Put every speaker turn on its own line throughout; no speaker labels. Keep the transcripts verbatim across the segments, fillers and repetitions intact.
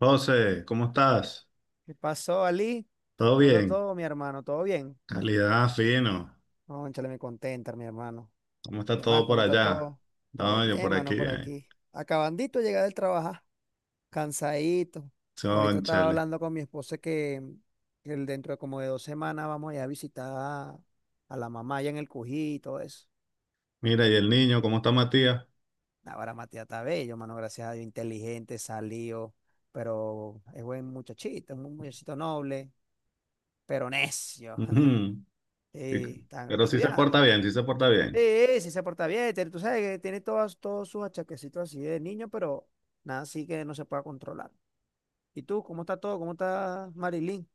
José, ¿cómo estás?
¿Qué pasó, Ali?
¿Todo
¿Cómo está
bien?
todo, mi hermano? ¿Todo bien?
Calidad, fino.
Cónchale, me contenta, mi hermano.
¿Cómo está
¿Qué más?
todo por
¿Cómo está
allá?
todo? Todo
No, yo por
bien,
aquí.
mano, por
Ay,
aquí. Acabandito de llegar del trabajar, cansadito. Ahorita estaba
chónchale.
hablando con mi esposa que, que el- dentro de como de dos semanas vamos a ir a visitar a, a la mamá allá en el Cují y todo eso.
Mira, ¿y el niño? ¿Cómo está Matías?
Ahora Matías está bello, mano, gracias a Dios, inteligente, salido, pero es buen muchachito, es un muchachito noble, pero necio.
Ujú. Y-
Sí, está
Pero sí se porta
estudiando.
bien, sí se porta
Sí,
bien.
sí se porta bien, tiene- tú sabes que tiene todas todos sus achaquecitos así de niño, pero nada, así que no se pueda controlar. ¿Y tú, cómo está todo? ¿Cómo está Marilyn?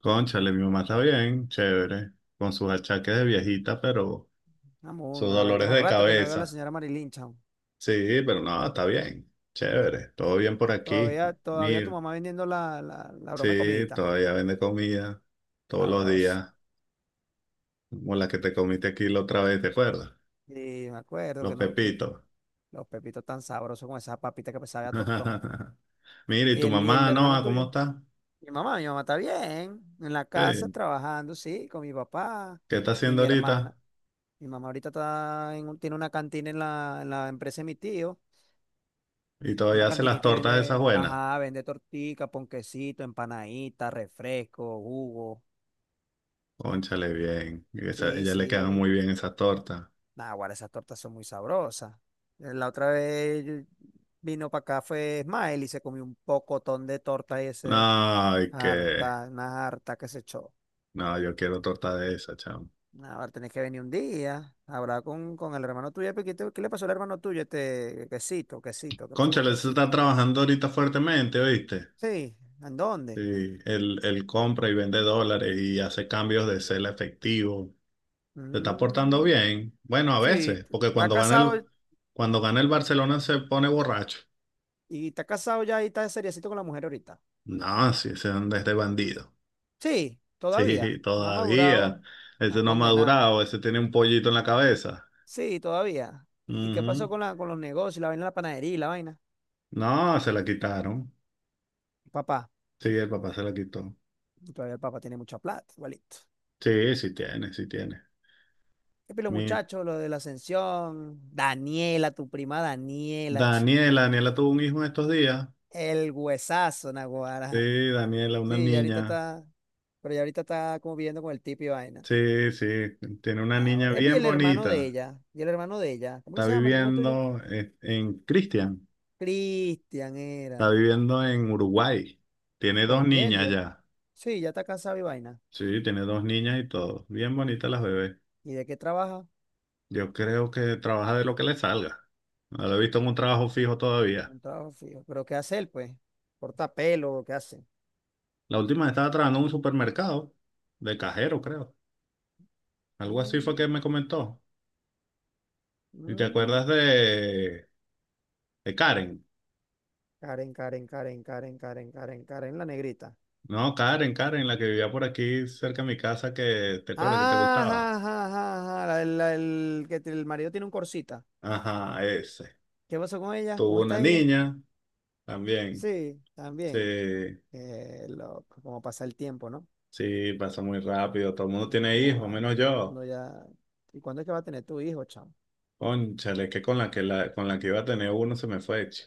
Cónchale, mi mamá está bien, chévere. Con sus achaques de viejita, pero
Vamos,
sus
no, yo
dolores
tengo
de
rato que no veo a la
cabeza.
señora Marilyn, chao.
Sí, pero no, está bien. Chévere, todo bien por aquí.
Todavía, todavía tu
Mira,
mamá vendiendo la, la, la broma de
sí,
comidita.
todavía vende comida todos los
Sabroso.
días. Como la que te comiste aquí la otra vez, ¿te acuerdas?
Sí, me acuerdo que
Los
no, que
pepitos.
los pepitos tan sabrosos con esa papita que sabe a tostón.
Mira, ¿y
¿Y
tu
el, y el
mamá,
hermano
Noah, cómo
tuyo?
está?
Mi mamá, mi mamá está bien, en la casa
Sí.
trabajando, sí, con mi papá
¿Qué está
y
haciendo
mi hermano.
ahorita?
Mi mamá ahorita está en un- tiene una cantina en la, en la empresa de mi tío.
Y
Una
todavía hace las
cantinita y
tortas esas
vende,
buenas.
ajá, vende tortica, ponquecito, empanadita, refresco, jugo.
Cónchale, bien. Y esa-
Sí,
ella le quedan
sí.
muy bien esas tortas.
Nah, guarda, esas tortas son muy sabrosas. Eh, La otra vez yo- vino para acá, fue Smile y se comió un pocotón de torta,
No,
ese,
ay, que.
harta, una harta que se echó.
No, yo quiero torta de esa, chamo.
Nah, ahora tenés que venir un día, hablar con, con el hermano tuyo, porque ¿Qué, te- qué le pasó al hermano tuyo? Este quesito, quesito, ¿qué pasó con
Cónchale, se está
quesito?
trabajando ahorita fuertemente, ¿oíste?
Sí, ¿en dónde?
Sí, él, él compra y vende dólares y hace cambios de cel a efectivo. Se está portando
Mm,
bien. Bueno, a
sí,
veces,
t-
porque
está
cuando gana
casado
el, cuando gana el Barcelona se pone borracho.
y está casado ya y está seriecito con la mujer ahorita.
No, sí, se anda este bandido.
Sí,
Sí,
todavía. No ha
todavía.
madurado, ha
Ese no ha
condenado.
madurado, ese tiene un pollito en la cabeza.
Sí, todavía. ¿Y qué pasó
Ujú.
con la, con los negocios, la vaina de la panadería y la vaina?
No, se la quitaron.
Papá,
Sí, el papá se la quitó.
todavía el papá tiene mucha plata, igualito.
Sí, sí tiene, sí tiene.
Y los
Mira.
muchachos, lo de la ascensión, Daniela, tu prima Daniela, chica,
Daniela, Daniela tuvo un hijo en estos días.
el huesazo, Naguará.
Sí, Daniela, una
Sí, ya ahorita
niña.
está, pero ya ahorita está como viviendo con el tipo y vaina.
Sí, sí, tiene una
Ah,
niña
bueno. Epi,
bien
el hermano de
bonita.
ella. Y el hermano de ella. ¿Cómo que
Está
se llama el primo tuyo?
viviendo eh, en Cristian.
Cristian
Está
era.
viviendo en Uruguay. Tiene
¿Con
dos
quién,
niñas
Dios?
ya.
Sí, ya está casado y vaina.
Sí, tiene dos niñas y todo. Bien bonitas las bebés.
¿Y de qué trabaja?
Yo creo que trabaja de lo que le salga. No lo he visto en un trabajo fijo todavía.
Un trabajo fijo. ¿Pero qué hace él, pues? ¿Corta pelo? ¿Qué hace?
La última vez estaba trabajando en un supermercado de cajero, creo. Algo así fue que
Mm,
me comentó. ¿Y te acuerdas
mm.
de, de Karen?
Karen, Karen, Karen, Karen, Karen, Karen, Karen, la negrita.
No, Karen, Karen, la que vivía por aquí cerca de mi casa, que te acuerdas que te
Ajá,
gustaba.
ajá, ajá, ajá. La, la- el, que te- el marido tiene un corsita.
Ajá, ese.
¿Qué pasó con ella? ¿Cómo
Tuvo una
está ella?
niña también.
Sí,
Sí.
también. Qué loco, cómo pasa el tiempo, ¿no?
Sí, pasa muy rápido. Todo el mundo
Una
tiene hijos,
guarda,
menos
todo el
yo.
mundo ya. ¿Y cuándo es que va a tener tu hijo, chamo?
Cónchale, que con la que la, con la que iba a tener uno se me fue. ch-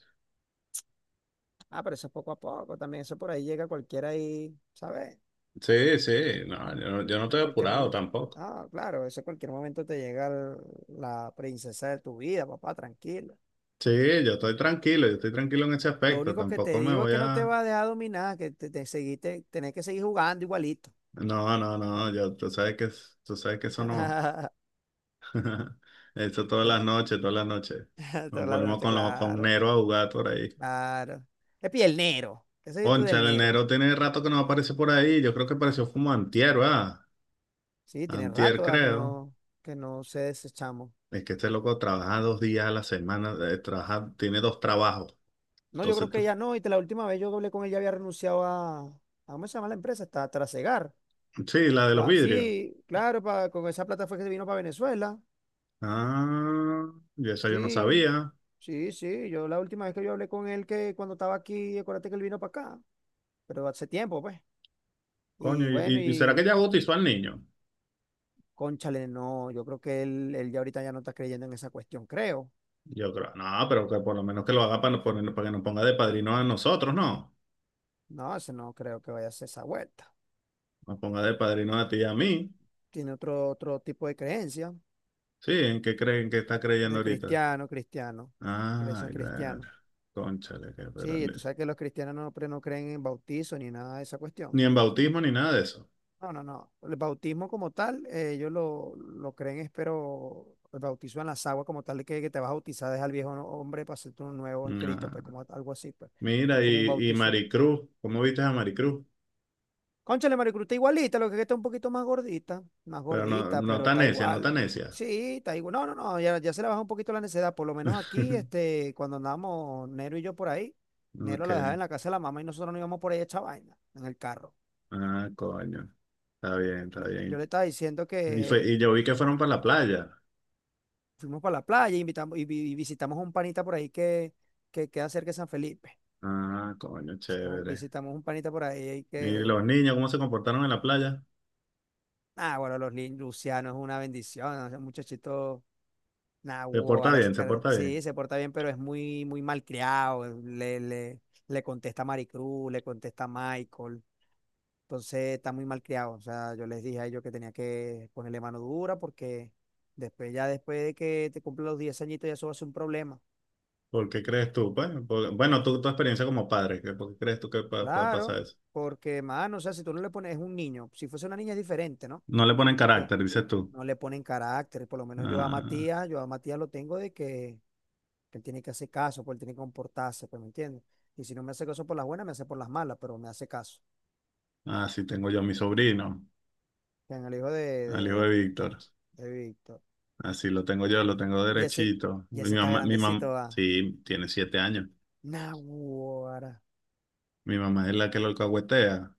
Ah, pero eso es poco a poco también. Eso por ahí llega cualquiera ahí, ¿sabes?
Sí, sí, no, yo no, yo no estoy
En cualquier
apurado
momento.
tampoco.
Ah, claro, eso en cualquier momento te llega el- la princesa de tu vida, papá, tranquilo.
Sí, yo estoy tranquilo, yo estoy tranquilo en ese
Lo
aspecto.
único que te
Tampoco me
digo es
voy
que no te
a.
va a dejar dominar, que te, te seguiste, tenés que seguir jugando igualito.
No, no, no, yo, tú sabes que, es- tú sabes que eso no. Eso todas las
Tenés-
noches, todas las noches.
Toda
Nos
la
ponemos
noche,
con los con
claro,
Nero a jugar por ahí.
claro. Es piel negro. ¿Qué es tú del
Cónchale, el
negro?
Nero tiene rato que no aparece por ahí. Yo creo que apareció como antier, ¿verdad?
Sí, tiene rato,
Antier,
¿verdad? Que
creo.
no, que no sé ese chamo.
Es que este loco trabaja dos días a la semana, eh, trabaja, tiene dos trabajos.
No, yo creo
Entonces, tú-
que ya no. Y te- la última vez yo hablé con él, ya había renunciado a, a ¿cómo se llama la empresa? Está Trasegar.
sí, la de los
Va, sí,
vidrios.
claro, pa- con esa plata fue que se vino para Venezuela.
Ah, y eso yo no
Sí,
sabía.
sí, sí. Yo la última vez que yo hablé con él, que cuando estaba aquí, acuérdate que él vino para acá, pero hace tiempo, pues.
Coño,
Y
¿y,
bueno,
y- y será que
y
ya bautizó al niño?
cónchale, no, yo creo que él, él ya ahorita ya no está creyendo en esa cuestión, creo.
Yo creo, no, pero que por lo menos que lo haga para, no poner- para que nos ponga de padrino a nosotros, no.
No, ese no creo que vaya a hacer esa vuelta.
Nos ponga de padrino a ti y a mí.
Tiene otro, otro tipo de creencia,
Sí, ¿en qué creen que está creyendo
de
ahorita?
cristiano, cristiano, creencia
Ay, ver,
cristiana.
cónchale, que, pero
Sí,
ni
tú sabes que los cristianos no, pre- no creen en bautizo ni nada de esa cuestión.
ni en bautismo ni nada de eso.
No, no, no. El bautismo como tal, eh, ellos lo, lo creen, espero, el bautizo en las aguas como tal, que, que te vas a bautizar, deja al viejo no- hombre para hacerte uno nuevo en Cristo,
Ah,
pues, como algo así, pues. No
mira,
es como un
y, y
bautizo.
Maricruz, ¿cómo viste a Maricruz?
Cónchale, Maricruz está igualita, lo que está un poquito más gordita, más
Pero no,
gordita,
no
pero
tan
está
necia, no tan
igual.
necia.
Sí, está igual. No, no, no, ya, ya se le baja un poquito la necesidad. Por lo menos aquí, este, cuando andamos Nero y yo por ahí, Nero
Ok.
la dejaba en la casa de la mamá y nosotros nos íbamos por ahí a echar vaina en el carro.
Ah, coño. Está bien, está
lo- Yo le
bien.
estaba diciendo
Y, fue,
que
y yo vi que fueron para la playa.
fuimos para la playa, invitamos y, vi- y visitamos un panita por ahí que, que queda cerca de San Felipe.
Ah, coño,
Visitamos,
chévere.
visitamos un panita por ahí
¿Y
que,
los niños cómo se comportaron en la playa?
ah, bueno, los lin- Luciano es una bendición, ese muchachito. Nah,
Se
guau,
porta
ahora se
bien, se
car-
porta bien.
sí, se porta bien, pero es muy, muy malcriado, le, le, le contesta a Maricruz, le contesta a Michael, entonces está muy mal criado. O sea, yo les dije a ellos que tenía que ponerle mano dura porque después, ya después de que te cumplen los diez añitos, ya eso va a ser un problema.
¿Por qué crees tú? Pues, por- bueno, tú, tu experiencia como padre, ¿qué- ¿por qué crees tú que pa- pa- pasa
Claro,
eso?
porque, mano, o sea, si tú no le pones, es un niño. Si fuese una niña es diferente, ¿no?
No le ponen
Porque
carácter, dices tú.
no le ponen carácter. Por lo menos yo a
Ah,
Matías, yo a Matías lo tengo de que, que él tiene que hacer caso, pues él tiene que comportarse, pues, ¿me entiendes? Y si no me hace caso por las buenas, me hace por las malas, pero me hace caso.
ah, sí, tengo yo a mi sobrino,
En el hijo de,
al hijo de
de,
Víctor.
de Víctor.
Así lo tengo yo, lo tengo
Y ese,
derechito.
y
Mi
ese está
mamá, mi mamá,
grandecito, va.
sí, tiene siete años.
Naguará.
Mi mamá es la que lo alcahuetea.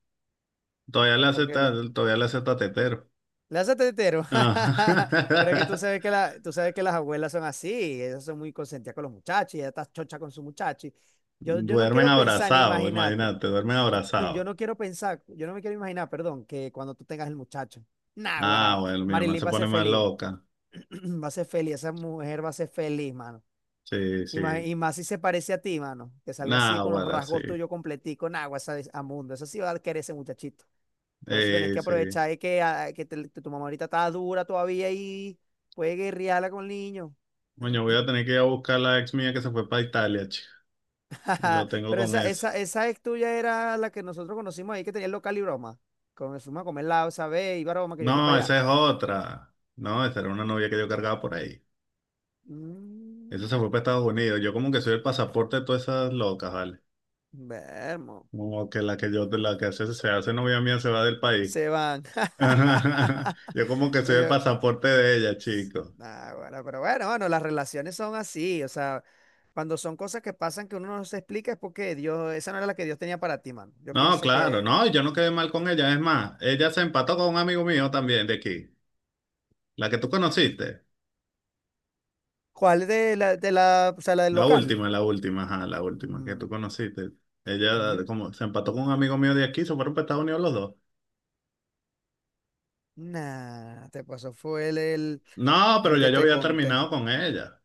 Todavía le
¿Por
hace,
qué
ta-
le?
todavía le hace tatetero.
Le hace tetero. Pero es que tú
Ah.
sabes que, la, tú sabes que las abuelas son así, ellas son muy consentidas con los muchachos, y ella está chocha con su muchacho. Y Yo, yo no
Duermen
quiero pensar ni
abrazados,
imagínate.
imagínate, duermen
Yo
abrazados.
no quiero pensar, yo no me quiero imaginar, perdón, que cuando tú tengas el muchacho.
Ah,
Naguará.
bueno, mi mamá
Marilyn
se
va a
pone
ser
más
feliz. Bo.
loca.
Va a ser feliz, esa mujer va a ser feliz, mano.
Sí,
Y más,
sí.
y más si se parece a ti, mano. Que salga
Nah,
así con los
ahora sí.
rasgos tuyos completico, nagua, esa es- a mundo. Eso sí va a querer ese muchachito. Por eso tenés
Eh,
que
sí.
aprovechar, eh, que, a que te- que tu mamá ahorita está dura todavía y puede guerrearla con el niño.
Coño, voy a tener que ir a buscar a la ex mía que se fue para Italia, chico. Y lo tengo
Pero
con
esa,
esa.
esa, esa ex tuya era la que nosotros conocimos ahí, que tenía el local y broma. Con el fuimos a comer la esa vez y broma que yo fui
No,
para allá.
esa es otra. No, esa era una novia que yo cargaba por ahí. Esa se
Mm,
fue para Estados Unidos. Yo como que soy el pasaporte de todas esas locas, ¿vale?
vermo.
Como que la que yo, la que hace, se hace novia mía se va del país.
Se van.
Yo como que
No,
soy el
yo-
pasaporte de ella, chico.
nah, bueno, pero bueno, bueno, las relaciones son así. O sea, cuando son cosas que pasan que uno no se explica es porque Dios, esa no era la que Dios tenía para ti, mano. Yo
No,
pienso
claro,
que.
no, yo no quedé mal con ella. Es más, ella se empató con un amigo mío también de aquí. La que tú conociste.
¿Cuál de la, de la, o sea, la del
La
local?
última, la última, ajá, la última que tú
Mm,
conociste. Ella
ujú.
como se empató con un amigo mío de aquí, se fueron para Estados Unidos los dos.
Nah, te pasó, fue el, el,
No, pero
el
ya
que
yo
te
había
conté.
terminado con ella.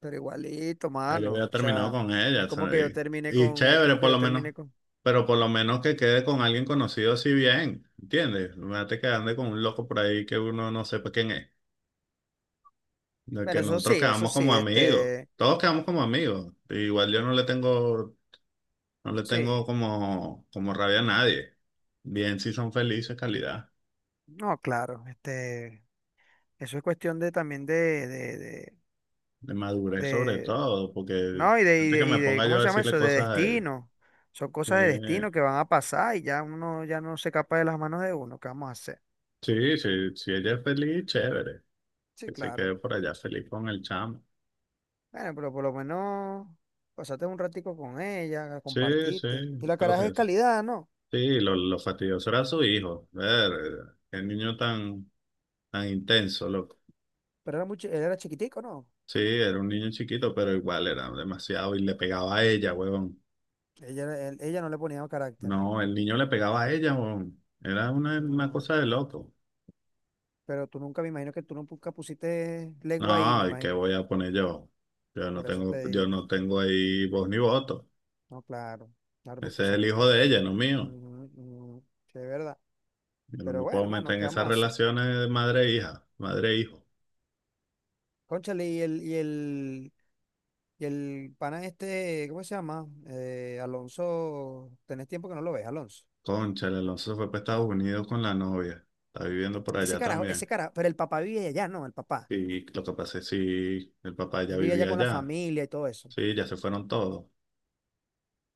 Pero igualito,
Ya yo había
mano. O
terminado
sea,
con ella,
es
o
como
sea,
que yo
y,
terminé
y
con, es
chévere
como que
por
yo
lo menos,
terminé con.
pero por lo menos que quede con alguien conocido así bien, ¿entiendes? No te que ande con un loco por ahí que uno no sepa quién es, de
Bueno,
que
eso sí,
nosotros
eso
quedamos
sí,
como amigos,
este,
todos quedamos como amigos, igual yo no le tengo, no le tengo
sí.
como, como rabia a nadie, bien si son felices, calidad,
No, claro, este, eso es cuestión de también de, de, de,
de madurez sobre
de-
todo, porque
no, y de, y
antes que
de,
me
y de,
ponga yo
¿cómo
a
se llama
decirle
eso? De
cosas a ella,
destino. Son cosas de
Eh,
destino que van a pasar y ya uno ya no se escapa de las manos de uno. ¿Qué vamos a hacer?
sí, sí, si ella es feliz, chévere.
Sí,
Que se
claro.
quede por allá feliz con el chamo.
Bueno, pero por lo menos pasaste un ratico con ella,
Sí, sí,
compartiste. Y la
lo
caraja
que-
es calidad, ¿no?
sí, lo, lo fastidioso era su hijo. Ver, qué niño tan, tan intenso, loco.
Pero era mucho, él era chiquitico, ¿no?
Sí, era un niño chiquito, pero igual era demasiado y le pegaba a ella, huevón.
Ella, era- él- ella no le ponía carácter.
No, el niño le pegaba a ella, huevón. Era una, una
No.
cosa de loco.
Pero tú nunca, me imagino que tú nunca pusiste lengua ahí, me
No, ¿y qué
imagino.
voy a poner yo? Yo no
Por eso
tengo, yo
te.
no tengo ahí voz ni voto.
No, claro. Claro,
Ese
porque
es el
son
hijo de ella,
cosas.
no mío.
Ujú, ujú. Sí, es verdad.
Yo no
Pero
me puedo
bueno, mano,
meter en
¿qué
esas
vamos a hacer?
relaciones de madre e hija, madre e hijo.
Cónchale, y el, y el, y el pana este, ¿cómo se llama? Eh, Alonso, tenés tiempo que no lo ves, Alonso.
Cónchale, Alonso se fue para Estados Unidos con la novia. Está viviendo por
Ese
allá
carajo, ese
también.
carajo, pero el papá vive allá, no, el papá.
Y lo que pasa es si el papá ya
Él vive allá
vivía
con la
allá.
familia y todo eso.
Sí, ya se fueron todos.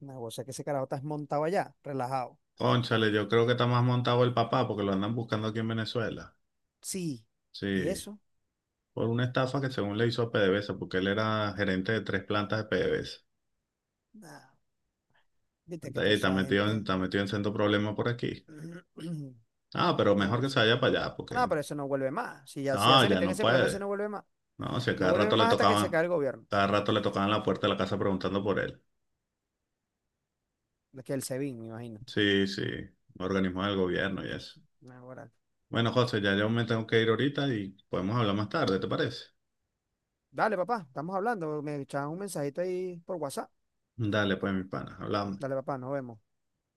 No, o sea que ese carajo está montado allá, relajado.
Cónchale, yo creo que está más montado el papá porque lo andan buscando aquí en Venezuela.
Sí. ¿Y
Sí,
eso?
por una estafa que según le hizo a PDVSA, porque él era gerente de tres plantas de PDVSA.
Nah, viste
Está
que
ahí,
toda
está
esa
metido
gente.
en, está metido en sendo problemas por aquí. Ah, pero mejor
Pero,
que se vaya para allá porque...
no, pero eso no vuelve más. Si ya, si ya,
No,
se
ya
metió en
no
ese problema, eso
puede.
no vuelve más.
No, si a
No
cada
vuelve
rato le
más hasta que se
tocaban,
caiga el gobierno.
cada rato le tocaban la puerta de la casa preguntando por él.
Es que el SEBIN, me imagino.
Sí, sí, organismos del gobierno y eso.
Nah, ahora
Bueno, José, ya yo me tengo que ir ahorita y podemos hablar más tarde, ¿te parece?
dale, papá, estamos hablando. Me echaban un mensajito ahí por WhatsApp.
Dale, pues, mi pana, hablamos.
Dale, papá, nos vemos.